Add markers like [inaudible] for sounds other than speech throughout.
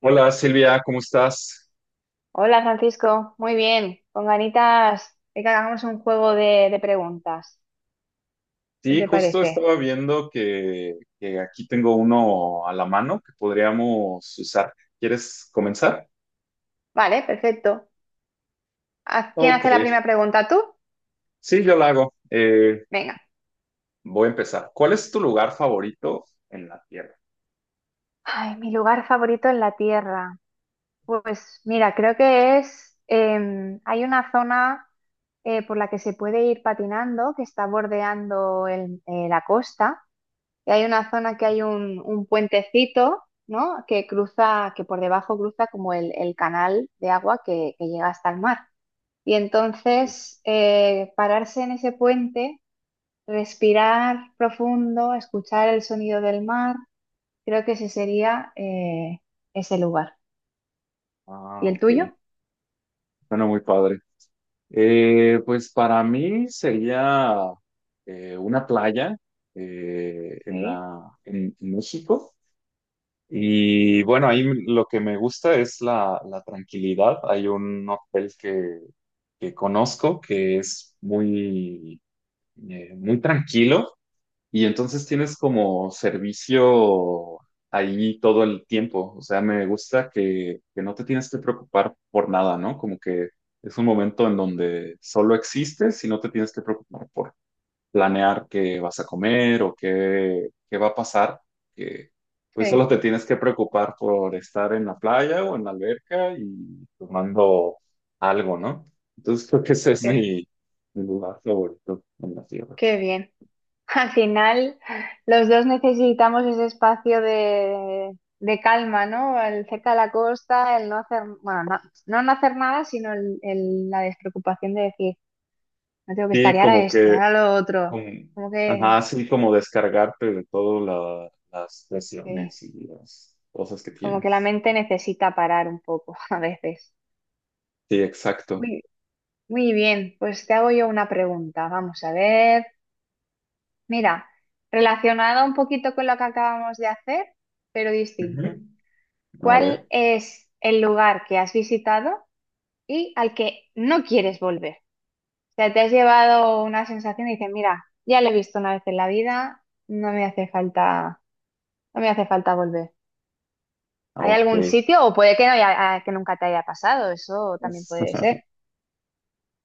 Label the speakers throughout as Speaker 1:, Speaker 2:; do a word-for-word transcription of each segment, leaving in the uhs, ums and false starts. Speaker 1: Hola Silvia, ¿cómo estás?
Speaker 2: Hola Francisco, muy bien, con ganitas de que hagamos un juego de, de preguntas. ¿Qué
Speaker 1: Sí,
Speaker 2: te
Speaker 1: justo
Speaker 2: parece?
Speaker 1: estaba viendo que, que aquí tengo uno a la mano que podríamos usar. ¿Quieres comenzar?
Speaker 2: Vale, perfecto. ¿A quién
Speaker 1: Ok,
Speaker 2: hace la primera pregunta? ¿Tú?
Speaker 1: sí, yo la hago. Eh,
Speaker 2: Venga.
Speaker 1: voy a empezar. ¿Cuál es tu lugar favorito en la Tierra?
Speaker 2: Ay, mi lugar favorito en la Tierra. Pues mira, creo que es, em, hay una zona eh, por la que se puede ir patinando, que está bordeando el- eh, la costa. Y hay una zona que hay un, un puentecito, ¿no? Que cruza, que por debajo cruza como el, el canal de agua que, que llega hasta el mar. Y
Speaker 1: Sí.
Speaker 2: entonces eh, pararse en ese puente, respirar profundo, escuchar el sonido del mar, creo que ese sería eh, ese lugar. ¿Y
Speaker 1: Ah,
Speaker 2: el tuyo?
Speaker 1: ok. Suena muy padre. Eh, pues para mí sería eh, una playa eh, en
Speaker 2: Sí,
Speaker 1: la, en en México. Y bueno, ahí lo que me gusta es la, la tranquilidad. Hay un hotel que, que conozco que es muy, eh, muy tranquilo y entonces tienes como servicio ahí todo el tiempo. O sea, me gusta que, que no te tienes que preocupar por nada, ¿no? Como que es un momento en donde solo existes y no te tienes que preocupar por planear qué vas a comer o qué, qué va a pasar, que pues
Speaker 2: sí,
Speaker 1: solo te tienes que preocupar por estar en la playa o en la alberca y tomando algo, ¿no? Entonces creo que ese es
Speaker 2: qué,
Speaker 1: mi, mi lugar favorito en la tierra.
Speaker 2: qué bien. [laughs] Al final, los dos necesitamos ese espacio de, de calma, ¿no? El cerca de la costa, el no hacer, bueno, no, no no hacer nada, sino el- el- la despreocupación de decir, no tengo que estar
Speaker 1: Sí,
Speaker 2: y ahora
Speaker 1: como
Speaker 2: esto,
Speaker 1: que,
Speaker 2: ahora lo otro.
Speaker 1: como-
Speaker 2: Como
Speaker 1: ajá,
Speaker 2: que.
Speaker 1: así como descargarte de todas las
Speaker 2: Sí.
Speaker 1: presiones y las cosas que
Speaker 2: Como que la
Speaker 1: tienes.
Speaker 2: mente necesita parar un poco [laughs] a veces.
Speaker 1: Sí, exacto.
Speaker 2: Muy, muy bien, pues te hago yo una pregunta. Vamos a ver. Mira, relacionada un poquito con lo que acabamos de hacer, pero
Speaker 1: Ujú.
Speaker 2: distinto.
Speaker 1: A
Speaker 2: ¿Cuál
Speaker 1: ver,
Speaker 2: es el lugar que has visitado y al que no quieres volver? O sea, te has llevado una sensación y dices, mira, ya lo he visto una vez en la vida, no me hace falta, no me hace falta volver.
Speaker 1: ah,
Speaker 2: ¿Hay
Speaker 1: ok.
Speaker 2: algún sitio? O puede que no haya- que nunca te haya pasado, eso también puede ser.
Speaker 1: [laughs]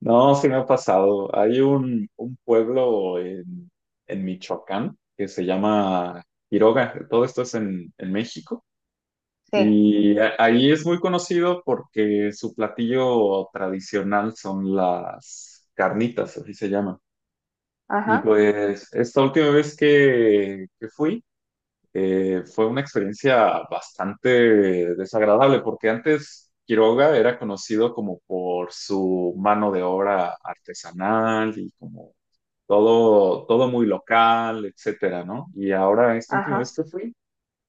Speaker 1: No, sí me ha pasado. Hay un, un pueblo en, en Michoacán que se llama Quiroga. Todo esto es en, en México.
Speaker 2: Sí.
Speaker 1: Y a- ahí es muy conocido porque su platillo tradicional son las carnitas, así se llama. Y
Speaker 2: Ajá,
Speaker 1: pues esta última vez que, que fui, eh, fue una experiencia bastante desagradable porque antes Quiroga era conocido como por su mano de obra artesanal y como todo, todo muy local, etcétera, ¿no? Y ahora, esta última vez
Speaker 2: ajá.
Speaker 1: que fui,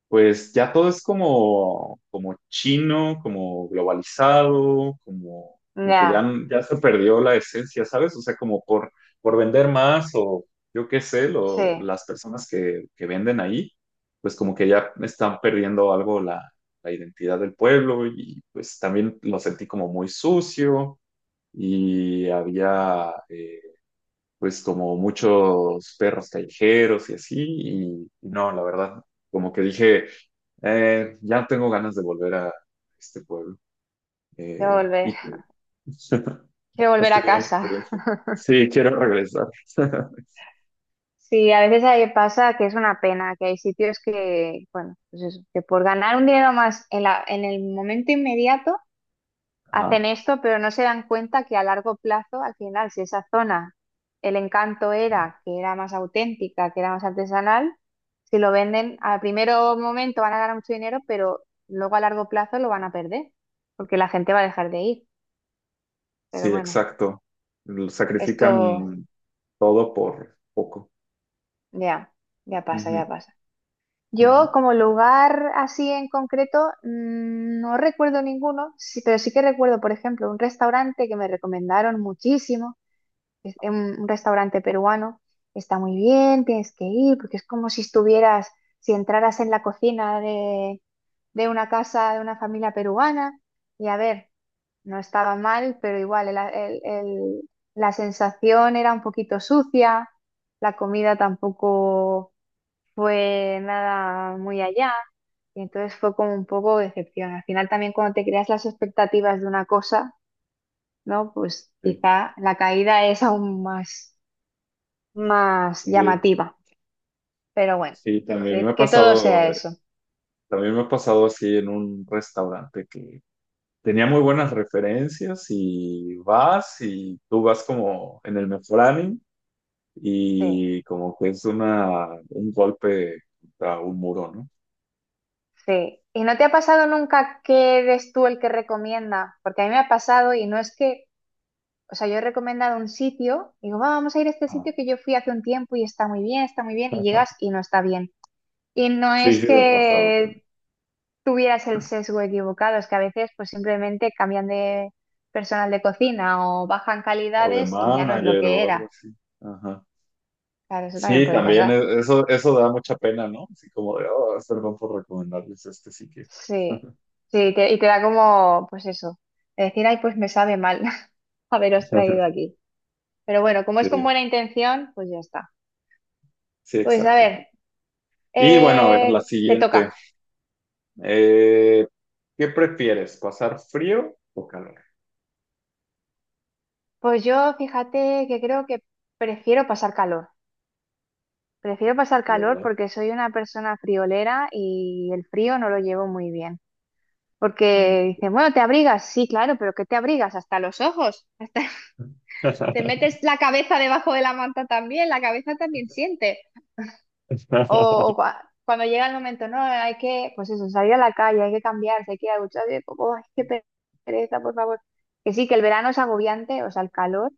Speaker 1: pues ya todo es como, como chino, como globalizado, como, como que ya,
Speaker 2: Ya,
Speaker 1: ya se perdió la esencia, ¿sabes? O sea, como por, por vender más o yo qué sé,
Speaker 2: sí,
Speaker 1: lo- las personas que, que venden ahí, pues como que ya están perdiendo algo la, la identidad del pueblo y pues también lo sentí como muy sucio y había... eh, pues como muchos perros callejeros y así, y, y no, la verdad, como que dije, eh, ya no tengo ganas de volver a este pueblo.
Speaker 2: quiero
Speaker 1: Eh,
Speaker 2: volver,
Speaker 1: y tú, [laughs]
Speaker 2: quiero
Speaker 1: ¿has
Speaker 2: volver a
Speaker 1: tenido una
Speaker 2: casa.
Speaker 1: experiencia?
Speaker 2: [laughs]
Speaker 1: Sí, quiero regresar. [laughs]
Speaker 2: Sí, a veces ahí pasa que es una pena, que hay sitios que, bueno, pues eso, que por ganar un dinero más en la, en el momento inmediato hacen
Speaker 1: Ajá,
Speaker 2: esto, pero no se dan cuenta que a largo plazo, al final, si esa zona, el encanto era que era más auténtica, que era más artesanal, si lo venden, al primero momento van a ganar mucho dinero, pero luego a largo plazo lo van a perder, porque la gente va a dejar de ir.
Speaker 1: sí,
Speaker 2: Pero bueno.
Speaker 1: exacto. Lo
Speaker 2: Esto
Speaker 1: sacrifican todo por poco.
Speaker 2: ya, ya pasa, ya
Speaker 1: Ujú,
Speaker 2: pasa.
Speaker 1: ujú,
Speaker 2: Yo como lugar así en concreto mm, no recuerdo ninguno, sí, pero sí que recuerdo, por ejemplo, un restaurante que me recomendaron muchísimo es un un restaurante peruano, está muy bien, tienes que ir, porque es como si estuvieras, si entraras en la cocina de, de una casa de una familia peruana, y a ver, no estaba mal, pero igual el- el- el- la sensación era un poquito sucia, la comida tampoco fue nada muy allá, y entonces fue como un poco decepción. Al final también cuando te creas las expectativas de una cosa, ¿no? Pues
Speaker 1: sí.
Speaker 2: quizá la caída es aún más más
Speaker 1: Eh,
Speaker 2: llamativa. Pero bueno,
Speaker 1: sí, también me
Speaker 2: que,
Speaker 1: ha
Speaker 2: que todo
Speaker 1: pasado,
Speaker 2: sea eso.
Speaker 1: también me ha pasado así en un restaurante que tenía muy buenas referencias y vas y tú vas como en el mejor ánimo
Speaker 2: Sí,
Speaker 1: y como que es una, un golpe contra un muro, ¿no?
Speaker 2: sí. ¿Y no te ha pasado nunca que eres tú el que recomienda? Porque a mí me ha pasado y no es que, o sea, yo he recomendado un sitio, digo, "Va, vamos a ir a este
Speaker 1: Ah.
Speaker 2: sitio que yo fui hace un tiempo y está muy bien, está muy bien, y llegas
Speaker 1: [laughs]
Speaker 2: y no está bien. Y no
Speaker 1: Sí,
Speaker 2: es
Speaker 1: sí, me ha pasado también.
Speaker 2: que tuvieras el sesgo equivocado, es que a veces pues simplemente cambian de personal de cocina o bajan
Speaker 1: O de
Speaker 2: calidades y ya no es lo
Speaker 1: manager
Speaker 2: que
Speaker 1: o algo
Speaker 2: era.
Speaker 1: así. Ajá.
Speaker 2: Claro, eso también
Speaker 1: Sí,
Speaker 2: puede
Speaker 1: también
Speaker 2: pasar.
Speaker 1: e- eso, eso da mucha pena, ¿no? Así como de, oh, perdón por recomendarles este sitio.
Speaker 2: Sí,
Speaker 1: [laughs]
Speaker 2: sí, y te, y te da como, pues eso, de decir, ay, pues me sabe mal [laughs] haberos traído aquí. Pero bueno, como es con
Speaker 1: Sí,
Speaker 2: buena intención, pues ya está.
Speaker 1: sí,
Speaker 2: Pues a
Speaker 1: exacto.
Speaker 2: ver,
Speaker 1: Y bueno, a ver, la
Speaker 2: eh, te
Speaker 1: siguiente.
Speaker 2: toca.
Speaker 1: Eh, ¿qué prefieres? ¿Pasar frío o calor?
Speaker 2: Pues yo fíjate que creo que prefiero pasar calor. Prefiero pasar
Speaker 1: ¿De
Speaker 2: calor
Speaker 1: verdad?
Speaker 2: porque soy una persona friolera y el frío no lo llevo muy bien.
Speaker 1: Mm,
Speaker 2: Porque dicen,
Speaker 1: ya.
Speaker 2: bueno, ¿te abrigas? Sí, claro, pero ¿qué te abrigas? Hasta los ojos, hasta [laughs] te
Speaker 1: [laughs]
Speaker 2: metes la cabeza debajo de la manta también, la cabeza también siente. O, o cua- cuando llega el momento, no, hay que, pues eso, salir a la calle, hay que cambiarse, hay que ir a ducharse, y como, ay, qué pereza, por favor. Que sí, que el verano es agobiante, o sea, el calor,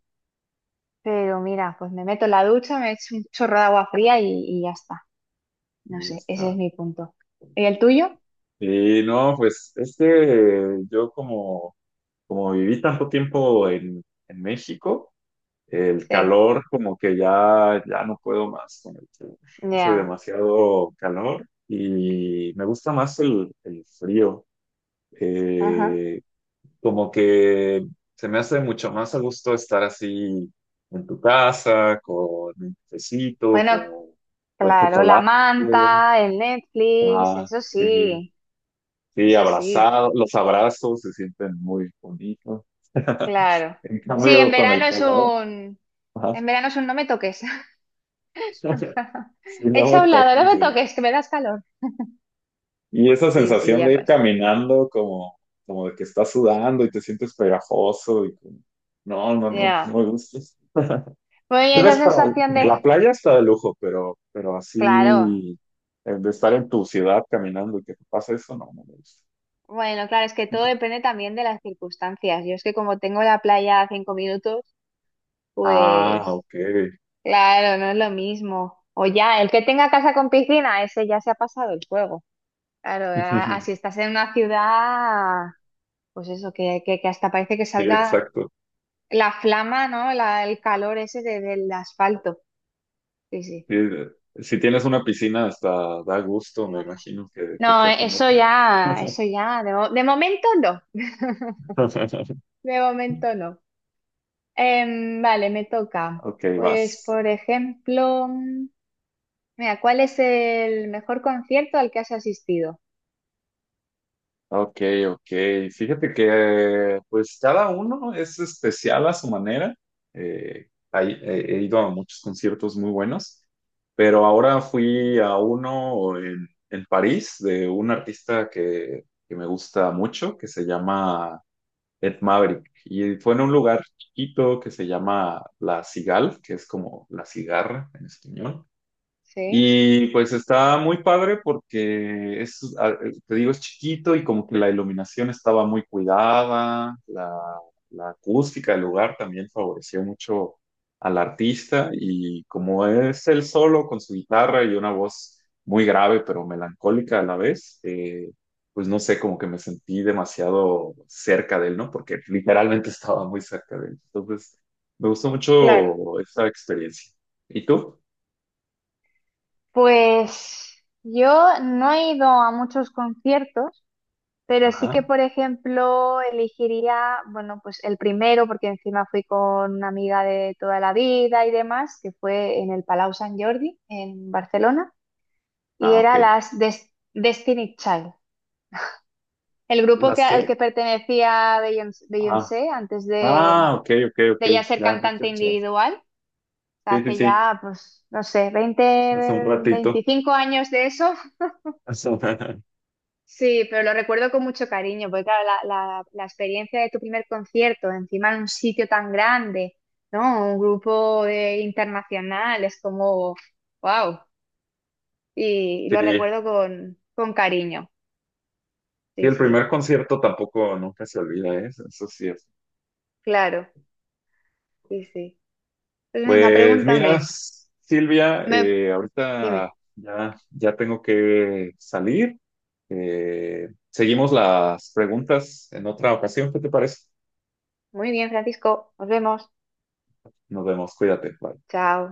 Speaker 2: pero mira, pues me meto en la ducha, me echo un chorro de agua fría y, y ya está. No
Speaker 1: Y ya
Speaker 2: sé, ese es
Speaker 1: está.
Speaker 2: mi punto. ¿Y el tuyo?
Speaker 1: Y no, pues es que yo como, como viví tanto tiempo en, en México, el
Speaker 2: Sí,
Speaker 1: calor como que ya, ya no puedo más con el calor. Hace
Speaker 2: ya.
Speaker 1: demasiado calor y me gusta más el, el frío.
Speaker 2: Ajá.
Speaker 1: Eh, como que se me hace mucho más a gusto estar así en tu casa, con un cafecito,
Speaker 2: Bueno,
Speaker 1: con, con
Speaker 2: claro, la
Speaker 1: chocolate.
Speaker 2: manta, el Netflix,
Speaker 1: Ah,
Speaker 2: eso
Speaker 1: sí,
Speaker 2: sí,
Speaker 1: sí,
Speaker 2: eso sí,
Speaker 1: abrazado, los abrazos se sienten muy bonitos. [laughs]
Speaker 2: claro.
Speaker 1: En
Speaker 2: Sí, en
Speaker 1: cambio, con el
Speaker 2: verano es
Speaker 1: calor,
Speaker 2: un,
Speaker 1: ajá,
Speaker 2: en verano es un no me toques. [laughs]
Speaker 1: [laughs] sí, no
Speaker 2: Echa
Speaker 1: me
Speaker 2: a un lado,
Speaker 1: toco.
Speaker 2: no me
Speaker 1: Sí.
Speaker 2: toques, que me das calor.
Speaker 1: Y esa
Speaker 2: Sí, sí,
Speaker 1: sensación
Speaker 2: ya
Speaker 1: de ir
Speaker 2: pasa.
Speaker 1: caminando como, como de que estás sudando y te sientes pegajoso y como, no, no, no, no
Speaker 2: Ya.
Speaker 1: me gusta.
Speaker 2: Muy bien,
Speaker 1: Creo
Speaker 2: esa
Speaker 1: para
Speaker 2: sensación de.
Speaker 1: la playa está de lujo, pero, pero
Speaker 2: Claro.
Speaker 1: así eh, de estar en tu ciudad caminando y que te pase eso, no, no me gusta.
Speaker 2: Bueno, claro, es que todo depende también de las circunstancias. Yo es que como tengo la playa a cinco minutos,
Speaker 1: Ah,
Speaker 2: pues
Speaker 1: ok.
Speaker 2: claro, no es lo mismo. O ya, el que tenga casa con piscina, ese ya se ha pasado el juego. Claro, a- así
Speaker 1: [laughs]
Speaker 2: estás en una ciudad, pues eso, que, que, que hasta parece que
Speaker 1: Sí,
Speaker 2: salga
Speaker 1: exacto.
Speaker 2: la flama, ¿no? La- el calor ese de- del asfalto. Sí, sí.
Speaker 1: Sí, de- si tienes una piscina, hasta da gusto, me
Speaker 2: No, claro.
Speaker 1: imagino que, que
Speaker 2: No,
Speaker 1: esté haciendo
Speaker 2: eso
Speaker 1: calor.
Speaker 2: ya, eso ya, de, mo- de momento no,
Speaker 1: [laughs]
Speaker 2: de momento no. Em, vale, me toca.
Speaker 1: Ok,
Speaker 2: Pues,
Speaker 1: vas.
Speaker 2: por ejemplo, mm, mira, ¿cuál es el mejor concierto al que has asistido?
Speaker 1: Ok, ok. Fíjate que pues cada uno es especial a su manera. Eh, hay- he he ido a muchos conciertos muy buenos, pero ahora fui a uno en, en París de un artista que, que me gusta mucho, que se llama Ed Maverick. Y fue en un lugar chiquito que se llama La Cigale, que es como la cigarra en español.
Speaker 2: Sí,
Speaker 1: Y pues está muy padre porque es, a- te digo, es chiquito y como que la iluminación estaba muy cuidada, la, la acústica del lugar también favoreció mucho al artista y como es él solo con su guitarra y una voz muy grave pero melancólica a la vez, eh, pues no sé, como que me sentí demasiado cerca de él, ¿no? Porque literalmente [laughs] estaba muy cerca de él. Entonces, me gustó
Speaker 2: claro.
Speaker 1: mucho esa experiencia. ¿Y tú?
Speaker 2: Pues yo no he ido a muchos conciertos, pero sí que,
Speaker 1: Ajá.
Speaker 2: por ejemplo, elegiría, bueno, pues el primero, porque encima fui con una amiga de toda la vida y demás, que fue en el Palau Sant Jordi, en Barcelona. Y
Speaker 1: Ah,
Speaker 2: era
Speaker 1: ok.
Speaker 2: las Des- Destiny Child, el grupo que,
Speaker 1: ¿Las
Speaker 2: al
Speaker 1: qué?
Speaker 2: que pertenecía Beyoncé,
Speaker 1: Ah,
Speaker 2: Beyoncé antes de,
Speaker 1: ah, ok, ok, ok.
Speaker 2: de ya ser
Speaker 1: Ya, ya, ya,
Speaker 2: cantante
Speaker 1: ya.
Speaker 2: individual. O sea,
Speaker 1: Sí, sí,
Speaker 2: hace
Speaker 1: sí.
Speaker 2: ya, pues, no sé, veinte
Speaker 1: Hace un ratito.
Speaker 2: veinticinco años de eso.
Speaker 1: Hace un- [laughs]
Speaker 2: Sí, pero lo recuerdo con mucho cariño, porque claro, la, la- la experiencia de tu primer concierto, encima en un sitio tan grande, ¿no? Un grupo de- internacional, es como, wow. Y
Speaker 1: Sí.
Speaker 2: lo recuerdo con, con cariño.
Speaker 1: Sí,
Speaker 2: Sí,
Speaker 1: el primer
Speaker 2: sí,
Speaker 1: concierto tampoco nunca se olvida, ¿eh? Eso eso sí es.
Speaker 2: claro, sí, sí. Pues venga,
Speaker 1: Pues mira,
Speaker 2: pregúntame.
Speaker 1: Silvia,
Speaker 2: Me,
Speaker 1: eh,
Speaker 2: Dime.
Speaker 1: ahorita ya, ya tengo que salir. Eh, seguimos las preguntas en otra ocasión, ¿qué te parece?
Speaker 2: Muy bien, Francisco. Nos vemos.
Speaker 1: Nos vemos, cuídate. Bye.
Speaker 2: Chao.